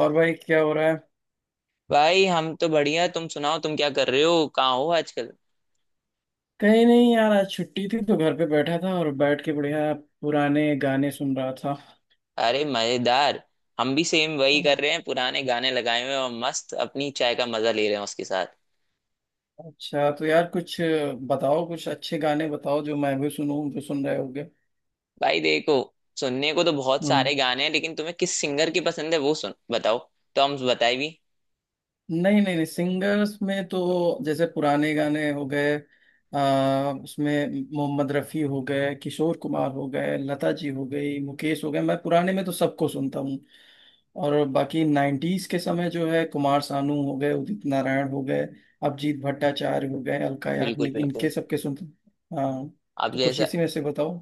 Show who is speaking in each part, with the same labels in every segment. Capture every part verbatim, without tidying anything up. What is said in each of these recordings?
Speaker 1: और भाई क्या हो रहा है?
Speaker 2: भाई, हम तो बढ़िया। तुम सुनाओ, तुम क्या कर रहे हो? कहाँ हो आजकल?
Speaker 1: कहीं नहीं यार। आज छुट्टी थी तो घर पे बैठा था और बैठ के बढ़िया पुराने गाने सुन रहा था।
Speaker 2: अरे, मजेदार। हम भी सेम वही कर रहे हैं, पुराने गाने लगाए हुए हैं और मस्त अपनी चाय का मजा ले रहे हैं उसके साथ।
Speaker 1: अच्छा तो यार कुछ बताओ, कुछ अच्छे गाने बताओ जो मैं भी सुनूं, जो सुन रहे होगे।
Speaker 2: भाई, देखो, सुनने को तो बहुत
Speaker 1: हम्म।
Speaker 2: सारे गाने हैं, लेकिन तुम्हें किस सिंगर की पसंद है वो सुन बताओ, तो हम बताए भी।
Speaker 1: नहीं नहीं नहीं, सिंगर्स में तो जैसे पुराने गाने हो गए। आ, उसमें मोहम्मद रफ़ी हो गए, किशोर कुमार हो गए, लता जी हो गई, मुकेश हो गए। मैं पुराने में तो सबको सुनता हूँ। और बाकी नाइन्टीज के समय जो है, कुमार सानू हो गए, उदित नारायण हो गए, अभिजीत भट्टाचार्य हो गए, अलका
Speaker 2: बिल्कुल
Speaker 1: याग्निक,
Speaker 2: बिल्कुल।
Speaker 1: इनके सबके सुनता हूँ। हाँ।
Speaker 2: अब
Speaker 1: तो कुछ
Speaker 2: जैसा,
Speaker 1: इसी में से बताओ।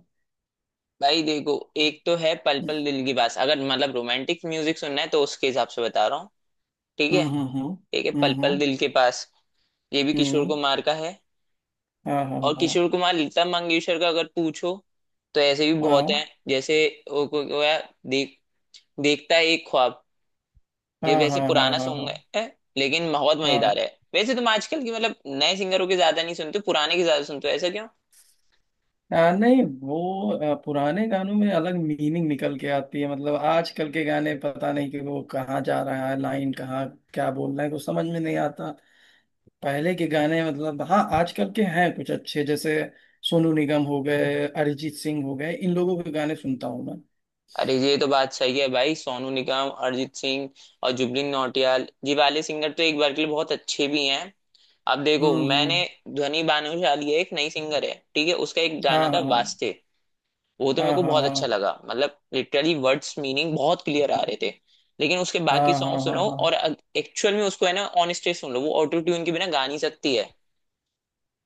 Speaker 2: भाई देखो, एक तो है पल पल दिल के पास। अगर मतलब रोमांटिक म्यूजिक सुनना है तो उसके हिसाब से बता रहा हूँ। ठीक है।
Speaker 1: हम्म हम्म।
Speaker 2: एक है
Speaker 1: हम्म
Speaker 2: पल पल
Speaker 1: हम्म।
Speaker 2: दिल के पास। ये भी
Speaker 1: हम्म
Speaker 2: किशोर
Speaker 1: हम्म,
Speaker 2: कुमार का है।
Speaker 1: हाँ हाँ
Speaker 2: और किशोर कुमार लता मंगेशकर का अगर पूछो, तो ऐसे भी बहुत
Speaker 1: हाँ
Speaker 2: हैं। जैसे वो, वो, वो है, देख देखता है एक ख्वाब।
Speaker 1: हाँ
Speaker 2: ये वैसे
Speaker 1: हाँ हाँ हाँ। हाँ।
Speaker 2: पुराना
Speaker 1: हाँ
Speaker 2: सॉन्ग
Speaker 1: हाँ।
Speaker 2: है, लेकिन बहुत
Speaker 1: हाँ।
Speaker 2: मजेदार है। वैसे तुम आजकल की मतलब नए सिंगरों के ज्यादा नहीं सुनते, पुराने के ज्यादा सुनते हो, ऐसा क्यों?
Speaker 1: आ, नहीं, वो आ, पुराने गानों में अलग मीनिंग निकल के आती है। मतलब आजकल के गाने पता नहीं कि वो कहाँ जा रहा है, लाइन कहाँ, क्या बोल रहे हैं, कुछ समझ में नहीं आता। पहले के गाने मतलब, हाँ, आजकल के हैं कुछ अच्छे, जैसे सोनू निगम हो गए, अरिजीत सिंह हो गए, इन लोगों के गाने सुनता हूँ मैं।
Speaker 2: अरे, ये तो बात सही है भाई। सोनू निगम, अरिजीत सिंह और जुबिन नौटियाल, ये वाले सिंगर तो एक बार के लिए बहुत अच्छे भी हैं। अब देखो,
Speaker 1: हम्म
Speaker 2: मैंने,
Speaker 1: हम्म।
Speaker 2: ध्वनि भानुशाली है, एक नई सिंगर है, ठीक है। उसका एक गाना
Speaker 1: हाँ
Speaker 2: था
Speaker 1: हाँ
Speaker 2: वास्ते। वो तो
Speaker 1: हाँ
Speaker 2: मेरे को
Speaker 1: हाँ
Speaker 2: बहुत
Speaker 1: हाँ
Speaker 2: अच्छा लगा, मतलब लिटरली वर्ड्स मीनिंग बहुत क्लियर आ रहे थे। लेकिन उसके
Speaker 1: हाँ
Speaker 2: बाकी सॉन्ग
Speaker 1: हाँ हाँ
Speaker 2: सुनो,
Speaker 1: हाँ
Speaker 2: और एक्चुअल में उसको, है ना, ऑन स्टेज सुन लो, वो ऑटो ट्यून के बिना गा नहीं सकती है।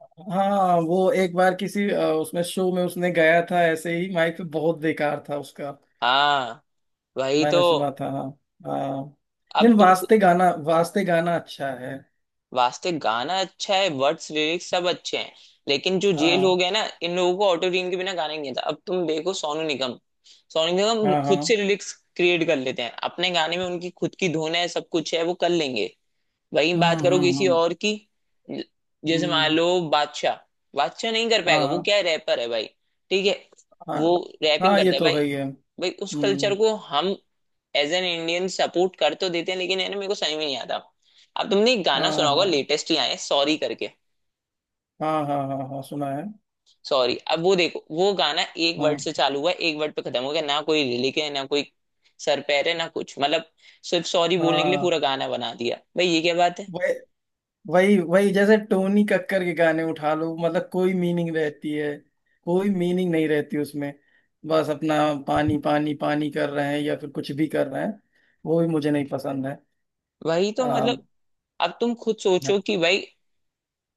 Speaker 1: हाँ हाँ, वो एक बार किसी आ, उसमें शो में उसने गाया था ऐसे ही माइक पे, बहुत बेकार था उसका।
Speaker 2: हाँ, वही तो।
Speaker 1: मैंने सुना था। हाँ। हाँ।
Speaker 2: अब
Speaker 1: लेकिन
Speaker 2: तुम,
Speaker 1: वास्ते गाना, वास्ते गाना अच्छा है।
Speaker 2: वास्ते गाना अच्छा है, वर्ड्स लिरिक्स सब अच्छे हैं, लेकिन जो ये
Speaker 1: हाँ
Speaker 2: लोग हैं ना, इन लोगों को ऑटो ट्यून के बिना गाना ही नहीं आता। अब तुम देखो, सोनू निगम, सोनू निगम
Speaker 1: हाँ हाँ।
Speaker 2: खुद से लिरिक्स क्रिएट कर लेते हैं। अपने गाने में उनकी खुद की धुन है, सब कुछ है, वो कर लेंगे। वहीं
Speaker 1: हम्म
Speaker 2: बात करो
Speaker 1: हम्म
Speaker 2: किसी
Speaker 1: हम्म
Speaker 2: और की। ज- जैसे मान
Speaker 1: हम्म,
Speaker 2: लो बादशाह, बादशाह नहीं कर
Speaker 1: हाँ
Speaker 2: पाएगा। वो
Speaker 1: हाँ
Speaker 2: क्या है, रैपर है भाई। ठीक है,
Speaker 1: हाँ
Speaker 2: वो रैपिंग
Speaker 1: हाँ। ये
Speaker 2: करता है
Speaker 1: तो
Speaker 2: भाई।
Speaker 1: है ही है।
Speaker 2: भाई, उस कल्चर
Speaker 1: हम्म।
Speaker 2: को हम एज एन इंडियन सपोर्ट कर तो देते हैं, लेकिन, है ना, मेरे को समझ में नहीं आता। अब तुमने एक
Speaker 1: हाँ
Speaker 2: गाना सुना होगा,
Speaker 1: हाँ
Speaker 2: लेटेस्ट ही आया है सॉरी करके।
Speaker 1: हाँ हाँ हाँ हाँ हाँ, सुना है।
Speaker 2: सॉरी, अब वो देखो, वो गाना एक वर्ड
Speaker 1: हाँ
Speaker 2: से चालू हुआ, एक वर्ड पे खत्म हो गया। ना कोई लिरिक है, ना कोई सर पैर है, ना कुछ मतलब। सिर्फ सॉरी बोलने के लिए पूरा
Speaker 1: हाँ।
Speaker 2: गाना बना दिया भाई, ये क्या बात है?
Speaker 1: वही वही वही, जैसे टोनी कक्कर के गाने उठा लो, मतलब कोई मीनिंग रहती है, कोई मीनिंग नहीं रहती उसमें। बस अपना पानी पानी पानी कर रहे हैं या फिर कुछ भी कर रहे हैं। वो भी मुझे नहीं पसंद है।
Speaker 2: वही तो मतलब। अब तुम खुद
Speaker 1: आ,
Speaker 2: सोचो कि भाई,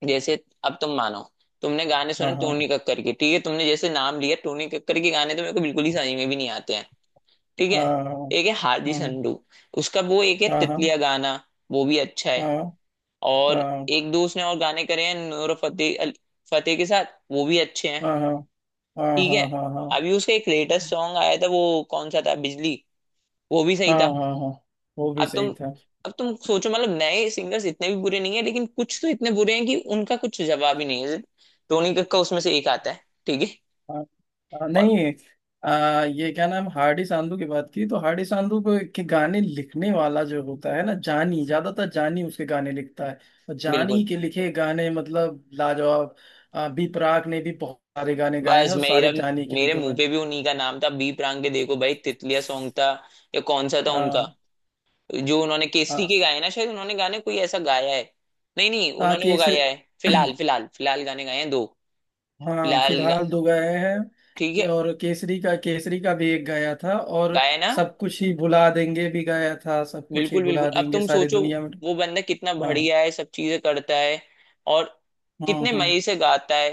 Speaker 2: जैसे, अब तुम मानो, तुमने गाने
Speaker 1: हाँ
Speaker 2: सुने
Speaker 1: हाँ
Speaker 2: टोनी कक्कर के, ठीक है, तुमने जैसे नाम लिया टोनी कक्कर के, गाने तो मेरे को बिल्कुल ही समझ में भी नहीं आते हैं। ठीक है।
Speaker 1: हाँ
Speaker 2: एक है हार्दी संडू। उसका वो एक है
Speaker 1: हाँ हाँ
Speaker 2: तितलिया गाना, वो भी अच्छा है।
Speaker 1: हाँ
Speaker 2: और एक दो उसने और गाने करे हैं नूर फतेह अल- फतेह के साथ, वो भी अच्छे हैं।
Speaker 1: हाँ हाँ हाँ हाँ
Speaker 2: ठीक है।
Speaker 1: हाँ हाँ हाँ हाँ
Speaker 2: अभी उसका एक लेटेस्ट सॉन्ग आया था, वो कौन सा था, बिजली, वो भी सही
Speaker 1: हाँ
Speaker 2: था।
Speaker 1: हाँ। हाँ वो भी
Speaker 2: अब तुम,
Speaker 1: सही था।
Speaker 2: अब तुम सोचो मतलब नए सिंगर्स इतने भी बुरे नहीं है, लेकिन कुछ तो इतने बुरे हैं कि उनका कुछ जवाब ही नहीं है। टोनी कक्का उसमें से एक आता है। ठीक है।
Speaker 1: हाँ हाँ,
Speaker 2: और
Speaker 1: नहीं। आ, ये क्या नाम, हार्डी सांधू की बात की तो, हार्डी सांधू को- के गाने लिखने वाला जो होता है ना, जानी, ज्यादातर जानी उसके गाने लिखता है। और जानी
Speaker 2: बिल्कुल।
Speaker 1: के लिखे गाने मतलब लाजवाब। आ, बी प्राक ने भी बहुत सारे गाने गाए हैं
Speaker 2: बस
Speaker 1: और
Speaker 2: मेरा
Speaker 1: सारे जानी के
Speaker 2: मेरे
Speaker 1: लिखे हुए
Speaker 2: मुंह
Speaker 1: हैं।
Speaker 2: पे भी उन्हीं का नाम था, बी प्राक के। देखो भाई, तितलिया सॉन्ग था, या कौन सा था उनका
Speaker 1: हाँ
Speaker 2: जो उन्होंने केसरी
Speaker 1: हाँ
Speaker 2: के गाए ना, शायद उन्होंने गाने कोई ऐसा गाया है। नहीं नहीं,
Speaker 1: हाँ,
Speaker 2: उन्होंने
Speaker 1: कि
Speaker 2: वो
Speaker 1: इसे।
Speaker 2: गाया है, फिलहाल। फिलहाल फिलहाल गाने गाए हैं दो।
Speaker 1: हाँ
Speaker 2: फिलहाल गा-
Speaker 1: फिलहाल दो गए हैं।
Speaker 2: ठीक
Speaker 1: के-
Speaker 2: है,
Speaker 1: और केसरी का, केसरी का भी एक गया था, और
Speaker 2: गाया है ना।
Speaker 1: सब कुछ ही भुला देंगे भी गया था, सब कुछ ही
Speaker 2: बिल्कुल बिल्कुल।
Speaker 1: भुला
Speaker 2: अब
Speaker 1: देंगे
Speaker 2: तुम
Speaker 1: सारी
Speaker 2: सोचो,
Speaker 1: दुनिया में।
Speaker 2: वो बंदा कितना
Speaker 1: हाँ
Speaker 2: बढ़िया है, सब चीजें करता है, और
Speaker 1: हाँ
Speaker 2: कितने
Speaker 1: हाँ।
Speaker 2: मजे से गाता है।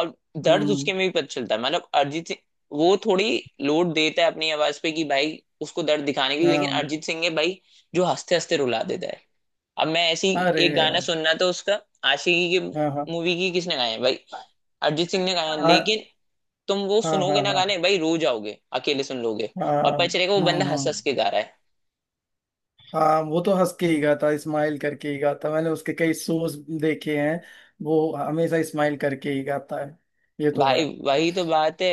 Speaker 2: और दर्द
Speaker 1: हम्म।
Speaker 2: उसके में भी पता चलता है, मतलब अरिजीत सिंह। वो थोड़ी लोड देता है अपनी आवाज पे कि भाई, उसको दर्द दिखाने के लिए, लेकिन
Speaker 1: हाँ।
Speaker 2: अरिजीत सिंह है भाई, जो हंसते हंसते रुला देता है। अब मैं ऐसी
Speaker 1: अरे
Speaker 2: एक गाना
Speaker 1: यार।
Speaker 2: सुनना था उसका, आशिकी की
Speaker 1: हाँ हाँ।
Speaker 2: मूवी की, किसने गाया है भाई? अरिजीत सिंह ने गाया है,
Speaker 1: आ,
Speaker 2: लेकिन तुम वो
Speaker 1: हाँ
Speaker 2: सुनोगे
Speaker 1: हाँ
Speaker 2: ना
Speaker 1: हाँ
Speaker 2: गाने भाई, रो जाओगे अकेले सुन लोगे।
Speaker 1: हाँ
Speaker 2: और पता चलेगा वो
Speaker 1: हाँ
Speaker 2: बंदा
Speaker 1: हाँ
Speaker 2: हंस हंस के गा रहा है।
Speaker 1: हाँ। वो तो हंस के ही गाता, स्माइल करके ही गाता। मैंने उसके कई शोज देखे हैं। वो हमेशा स्माइल करके ही गाता है। ये तो है।
Speaker 2: भाई वही तो बात है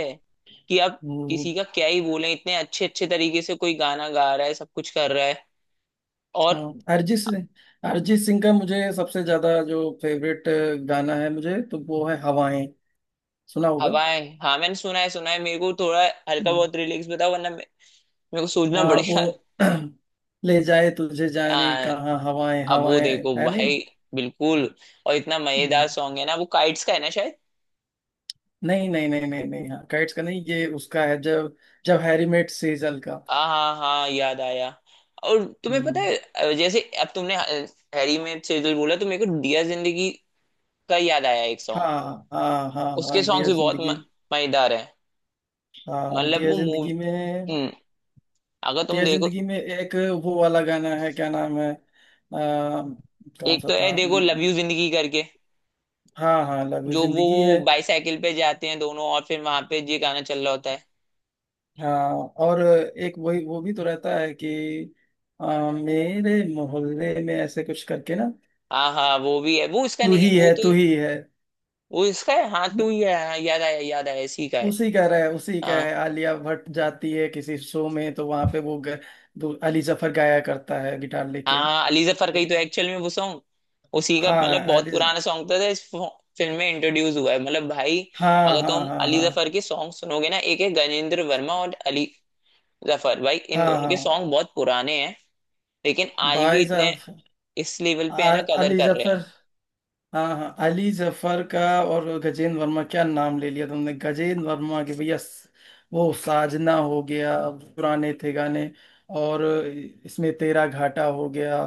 Speaker 2: कि अब किसी का क्या ही बोले, इतने अच्छे अच्छे तरीके से कोई गाना गा रहा है, सब कुछ कर रहा है।
Speaker 1: हाँ।
Speaker 2: और
Speaker 1: अरिजीत सिंह। अरिजीत सिंह का मुझे सबसे ज्यादा जो फेवरेट गाना है मुझे तो, वो है हवाएं। सुना होगा।
Speaker 2: हवाएं, हाँ, मैंने सुना है, सुना है। मेरे को थोड़ा हल्का
Speaker 1: हम्म,
Speaker 2: बहुत रिलैक्स बताओ, वरना मे- मेरे को सोचना
Speaker 1: हाँ वो।
Speaker 2: पड़ेगा।
Speaker 1: ले जाए तुझे जाने
Speaker 2: आ,
Speaker 1: कहाँ, हवाएं
Speaker 2: अब वो
Speaker 1: हवाएं,
Speaker 2: देखो
Speaker 1: है नहीं।
Speaker 2: भाई, बिल्कुल। और इतना
Speaker 1: हम्म,
Speaker 2: मजेदार सॉन्ग है ना, वो काइट्स का है ना शायद।
Speaker 1: नहीं नहीं नहीं नहीं नहीं, हाँ काइट्स का नहीं, ये उसका है जब, जब हैरी मेट सेजल का।
Speaker 2: हाँ हाँ हाँ, याद आया। और तुम्हें पता
Speaker 1: हम्म,
Speaker 2: है, अ, जैसे अब तुमने, अ, हैरी में से जो बोला, तो मेरे को दिया जिंदगी का याद आया, एक सॉन्ग।
Speaker 1: हाँ हाँ हाँ
Speaker 2: उसके
Speaker 1: हाँ
Speaker 2: सॉन्ग्स
Speaker 1: डियर
Speaker 2: भी बहुत म-
Speaker 1: जिंदगी।
Speaker 2: मजेदार है।
Speaker 1: हाँ
Speaker 2: मतलब
Speaker 1: डियर
Speaker 2: वो मूवी
Speaker 1: जिंदगी में।
Speaker 2: अगर तुम
Speaker 1: डियर
Speaker 2: देखो,
Speaker 1: जिंदगी में एक वो वाला गाना है, क्या नाम है, अ, कौन
Speaker 2: एक
Speaker 1: सा
Speaker 2: तो है
Speaker 1: था।
Speaker 2: देखो, लव यू जिंदगी करके,
Speaker 1: हाँ हाँ, लव यू
Speaker 2: जो वो
Speaker 1: जिंदगी है।
Speaker 2: बाईसाइकिल पे जाते हैं दोनों और फिर वहां पे ये गाना चल रहा होता है।
Speaker 1: हाँ और एक वही वो भी तो रहता है कि आ, मेरे मोहल्ले में ऐसे कुछ करके ना।
Speaker 2: हाँ हाँ, वो भी है। वो इसका
Speaker 1: तू
Speaker 2: नहीं है,
Speaker 1: ही
Speaker 2: वो
Speaker 1: है,
Speaker 2: तो,
Speaker 1: तू ही है।
Speaker 2: वो इसका है, हाँ, टू
Speaker 1: न-
Speaker 2: ही है, हाँ, याद आया याद आया, इसी का है।
Speaker 1: उसी का रहा है, उसी का
Speaker 2: हाँ
Speaker 1: है, आलिया भट्ट जाती है किसी शो में, तो वहां पे वो ग, दो- अली जफर गाया करता है गिटार लेके।
Speaker 2: हाँ, अली जफर का ही
Speaker 1: ये
Speaker 2: तो एक्चुअल में वो सॉन्ग, उसी का।
Speaker 1: हाँ
Speaker 2: मतलब बहुत
Speaker 1: अली।
Speaker 2: पुराना सॉन्ग था, था इस फिल्म में इंट्रोड्यूस हुआ है। मतलब भाई,
Speaker 1: हाँ
Speaker 2: अगर
Speaker 1: हाँ
Speaker 2: तुम
Speaker 1: हाँ
Speaker 2: अली जफर
Speaker 1: हाँ
Speaker 2: के सॉन्ग सुनोगे ना, एक है गजेंद्र वर्मा और अली जफर, भाई इन
Speaker 1: हाँ
Speaker 2: दोनों के
Speaker 1: हाँ।
Speaker 2: सॉन्ग बहुत पुराने हैं, लेकिन आज भी
Speaker 1: भाई
Speaker 2: इतने
Speaker 1: साहब।
Speaker 2: इस लेवल पे है
Speaker 1: आ-
Speaker 2: ना, कदर
Speaker 1: अली
Speaker 2: कर रहे
Speaker 1: जफर।
Speaker 2: हैं।
Speaker 1: हाँ हाँ, अली जफर का। और गजेंद्र वर्मा, क्या नाम ले लिया तुमने, गजेंद्र वर्मा के भैया, स- वो साजना हो गया, पुराने थे गाने, और इसमें तेरा घाटा हो गया,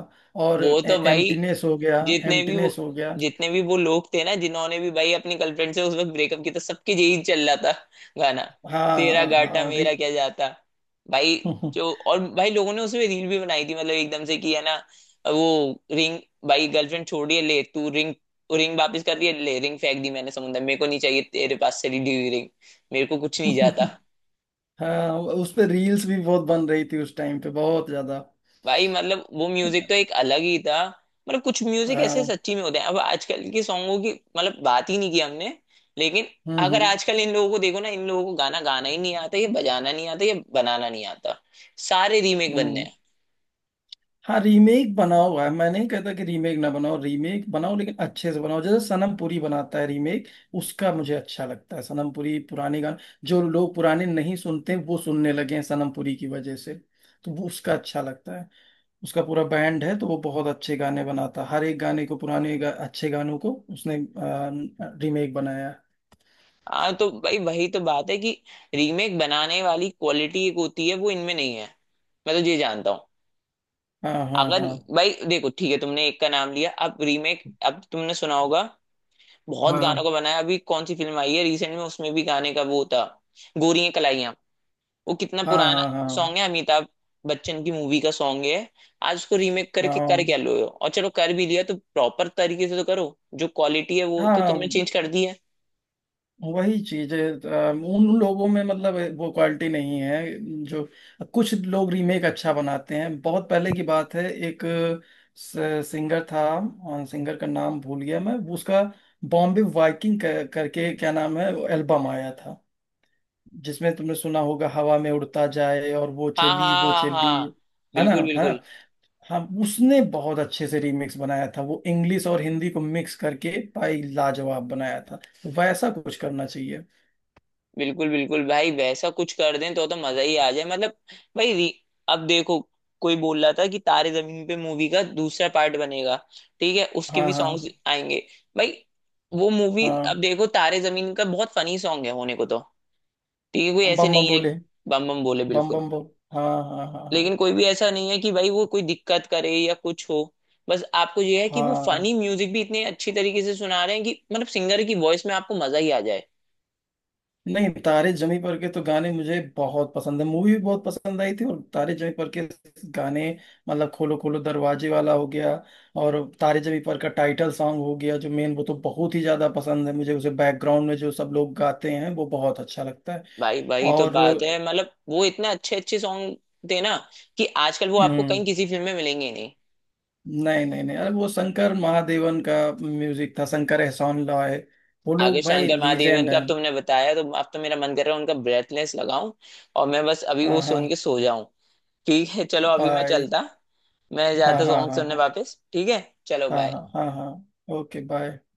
Speaker 1: और
Speaker 2: वो तो भाई
Speaker 1: एम्प्टीनेस हो गया।
Speaker 2: जितने भी वो
Speaker 1: एम्प्टीनेस हो गया।
Speaker 2: जितने भी वो लोग थे ना, जिन्होंने भी भाई अपनी गर्लफ्रेंड से उस वक्त ब्रेकअप किया था, सबके यही चल रहा था गाना,
Speaker 1: हाँ
Speaker 2: तेरा
Speaker 1: हाँ
Speaker 2: घाटा
Speaker 1: हाँ री...
Speaker 2: मेरा क्या जाता। भाई, जो और भाई लोगों ने उसमें रील भी बनाई थी, मतलब एकदम से कि है ना, वो रिंग, भाई गर्लफ्रेंड छोड़ रही है, ले तू रिंग, रिंग वापस कर रही है, ले, रिंग फेंक दी मैंने समुद्र में। मेरे को नहीं चाहिए तेरे पास से ली हुई रिंग, मेरे को कुछ नहीं जाता।
Speaker 1: हाँ उस पे रील्स भी बहुत बन रही थी, उस टाइम पे बहुत ज्यादा।
Speaker 2: भाई मतलब वो म्यूजिक तो एक अलग ही था, मतलब कुछ म्यूजिक ऐसे
Speaker 1: हाँ।
Speaker 2: सच्ची में होते हैं। अब आजकल के सॉन्गों की मतलब बात ही नहीं की हमने। लेकिन
Speaker 1: हम्म
Speaker 2: अगर
Speaker 1: हम्म
Speaker 2: आजकल इन लोगों को देखो ना, इन लोगों को गाना गाना ही नहीं आता, ये बजाना नहीं आता, ये बनाना नहीं आता, सारे रीमेक बनने
Speaker 1: हम्म।
Speaker 2: हैं।
Speaker 1: हाँ रीमेक बना हुआ है। मैं नहीं कहता कि रीमेक ना बनाओ, रीमेक बनाओ लेकिन अच्छे से बनाओ। जैसे सनम पुरी बनाता है रीमेक, उसका मुझे अच्छा लगता है। सनम पुरी पुराने गाने, जो लोग पुराने नहीं सुनते वो सुनने लगे हैं सनम पुरी की वजह से। तो वो उसका अच्छा लगता है। उसका पूरा बैंड है तो वो बहुत अच्छे गाने बनाता है। हर एक गाने को पुराने गा, अच्छे गानों को उसने रीमेक बनाया है।
Speaker 2: हाँ तो भाई वही तो बात है कि रीमेक बनाने वाली क्वालिटी एक होती है, वो इनमें नहीं है। मैं तो ये जानता हूँ।
Speaker 1: हाँ हाँ
Speaker 2: अगर,
Speaker 1: हाँ
Speaker 2: भाई देखो, ठीक है, तुमने एक का नाम लिया। अब रीमेक, अब तुमने सुना होगा बहुत गानों का
Speaker 1: हाँ
Speaker 2: बनाया। अभी कौन सी फिल्म आई है रिसेंट में, उसमें भी गाने का वो था, गोरियां कलाइयां। वो कितना
Speaker 1: हाँ
Speaker 2: पुराना
Speaker 1: हाँ
Speaker 2: सॉन्ग है, अमिताभ बच्चन की मूवी का सॉन्ग है। आज उसको रीमेक करके कर
Speaker 1: हाँ
Speaker 2: क्या लो हो? और चलो, कर भी लिया तो प्रॉपर तरीके से तो करो। जो क्वालिटी है वो
Speaker 1: हाँ
Speaker 2: तो
Speaker 1: हाँ।
Speaker 2: तुमने चेंज कर दी है।
Speaker 1: वही चीज है। अ, उन लोगों में, मतलब वो क्वालिटी नहीं है जो, कुछ लोग रीमेक अच्छा बनाते हैं। बहुत पहले की बात है, एक सिंगर था, सिंगर का नाम भूल गया मैं उसका। बॉम्बे वाइकिंग कर, करके क्या नाम है, एल्बम आया था, जिसमें तुमने सुना होगा, हवा में उड़ता जाए और वो
Speaker 2: हाँ
Speaker 1: चली
Speaker 2: हाँ
Speaker 1: वो
Speaker 2: हाँ
Speaker 1: चली।
Speaker 2: हाँ,
Speaker 1: है ना?
Speaker 2: बिल्कुल
Speaker 1: है ना?
Speaker 2: बिल्कुल
Speaker 1: हाँ उसने बहुत अच्छे से रीमिक्स बनाया था, वो इंग्लिश और हिंदी को मिक्स करके, भाई लाजवाब बनाया था। तो वैसा कुछ करना चाहिए।
Speaker 2: बिल्कुल बिल्कुल। भाई वैसा कुछ कर दें तो तो मजा ही आ जाए। मतलब भाई, री- अब देखो, कोई बोल रहा था कि तारे जमीन पे मूवी का दूसरा पार्ट बनेगा, ठीक है, उसके
Speaker 1: हाँ
Speaker 2: भी
Speaker 1: हाँ
Speaker 2: सॉन्ग्स आएंगे। भाई वो मूवी,
Speaker 1: हाँ हाँ,
Speaker 2: अब देखो तारे जमीन का बहुत फनी सॉन्ग है होने को तो, ठीक है, कोई
Speaker 1: बम
Speaker 2: ऐसे
Speaker 1: बम
Speaker 2: नहीं है।
Speaker 1: बोले।
Speaker 2: बम बम बोले,
Speaker 1: बम
Speaker 2: बिल्कुल।
Speaker 1: बम बोल। हाँ हाँ हाँ
Speaker 2: लेकिन
Speaker 1: हाँ
Speaker 2: कोई भी ऐसा नहीं है कि भाई वो कोई दिक्कत करे या कुछ हो। बस आपको ये है कि वो
Speaker 1: हाँ।
Speaker 2: फनी म्यूजिक भी इतने अच्छी तरीके से सुना रहे हैं कि मतलब सिंगर की वॉइस में आपको मजा ही आ जाए।
Speaker 1: नहीं तारे जमी पर के तो गाने मुझे बहुत पसंद है। मूवी भी बहुत पसंद आई थी। और तारे जमी पर के गाने मतलब खोलो खोलो दरवाजे वाला हो गया, और तारे जमी पर का टाइटल सॉन्ग हो गया, जो मेन, वो तो बहुत ही ज्यादा पसंद है मुझे। उसे बैकग्राउंड में जो सब लोग गाते हैं वो बहुत अच्छा लगता है।
Speaker 2: भाई, भाई तो
Speaker 1: और।
Speaker 2: बात है मतलब वो इतने अच्छे अच्छे सॉन्ग थे ना कि आजकल वो आपको
Speaker 1: हम्म,
Speaker 2: कहीं किसी फिल्म में मिलेंगे ही नहीं।
Speaker 1: नहीं नहीं नहीं, अरे वो शंकर महादेवन का म्यूजिक था, शंकर एहसान लॉय, वो
Speaker 2: आगे
Speaker 1: लोग भाई
Speaker 2: शंकर महादेवन
Speaker 1: लीजेंड
Speaker 2: का अब
Speaker 1: हैं।
Speaker 2: तुमने बताया, तो अब तो मेरा मन कर रहा है उनका ब्रेथलेस लगाऊं, और मैं बस अभी
Speaker 1: हाँ
Speaker 2: वो
Speaker 1: हाँ।
Speaker 2: सुन के सो जाऊं। ठीक है, चलो, अभी मैं
Speaker 1: बाय।
Speaker 2: चलता, मैं
Speaker 1: हाँ
Speaker 2: जाता
Speaker 1: हाँ
Speaker 2: सॉन्ग
Speaker 1: हाँ
Speaker 2: सुनने
Speaker 1: हाँ
Speaker 2: वापस। ठीक है। चलो,
Speaker 1: हाँ
Speaker 2: बाय।
Speaker 1: हाँ हाँ हाँ, ओके बाय।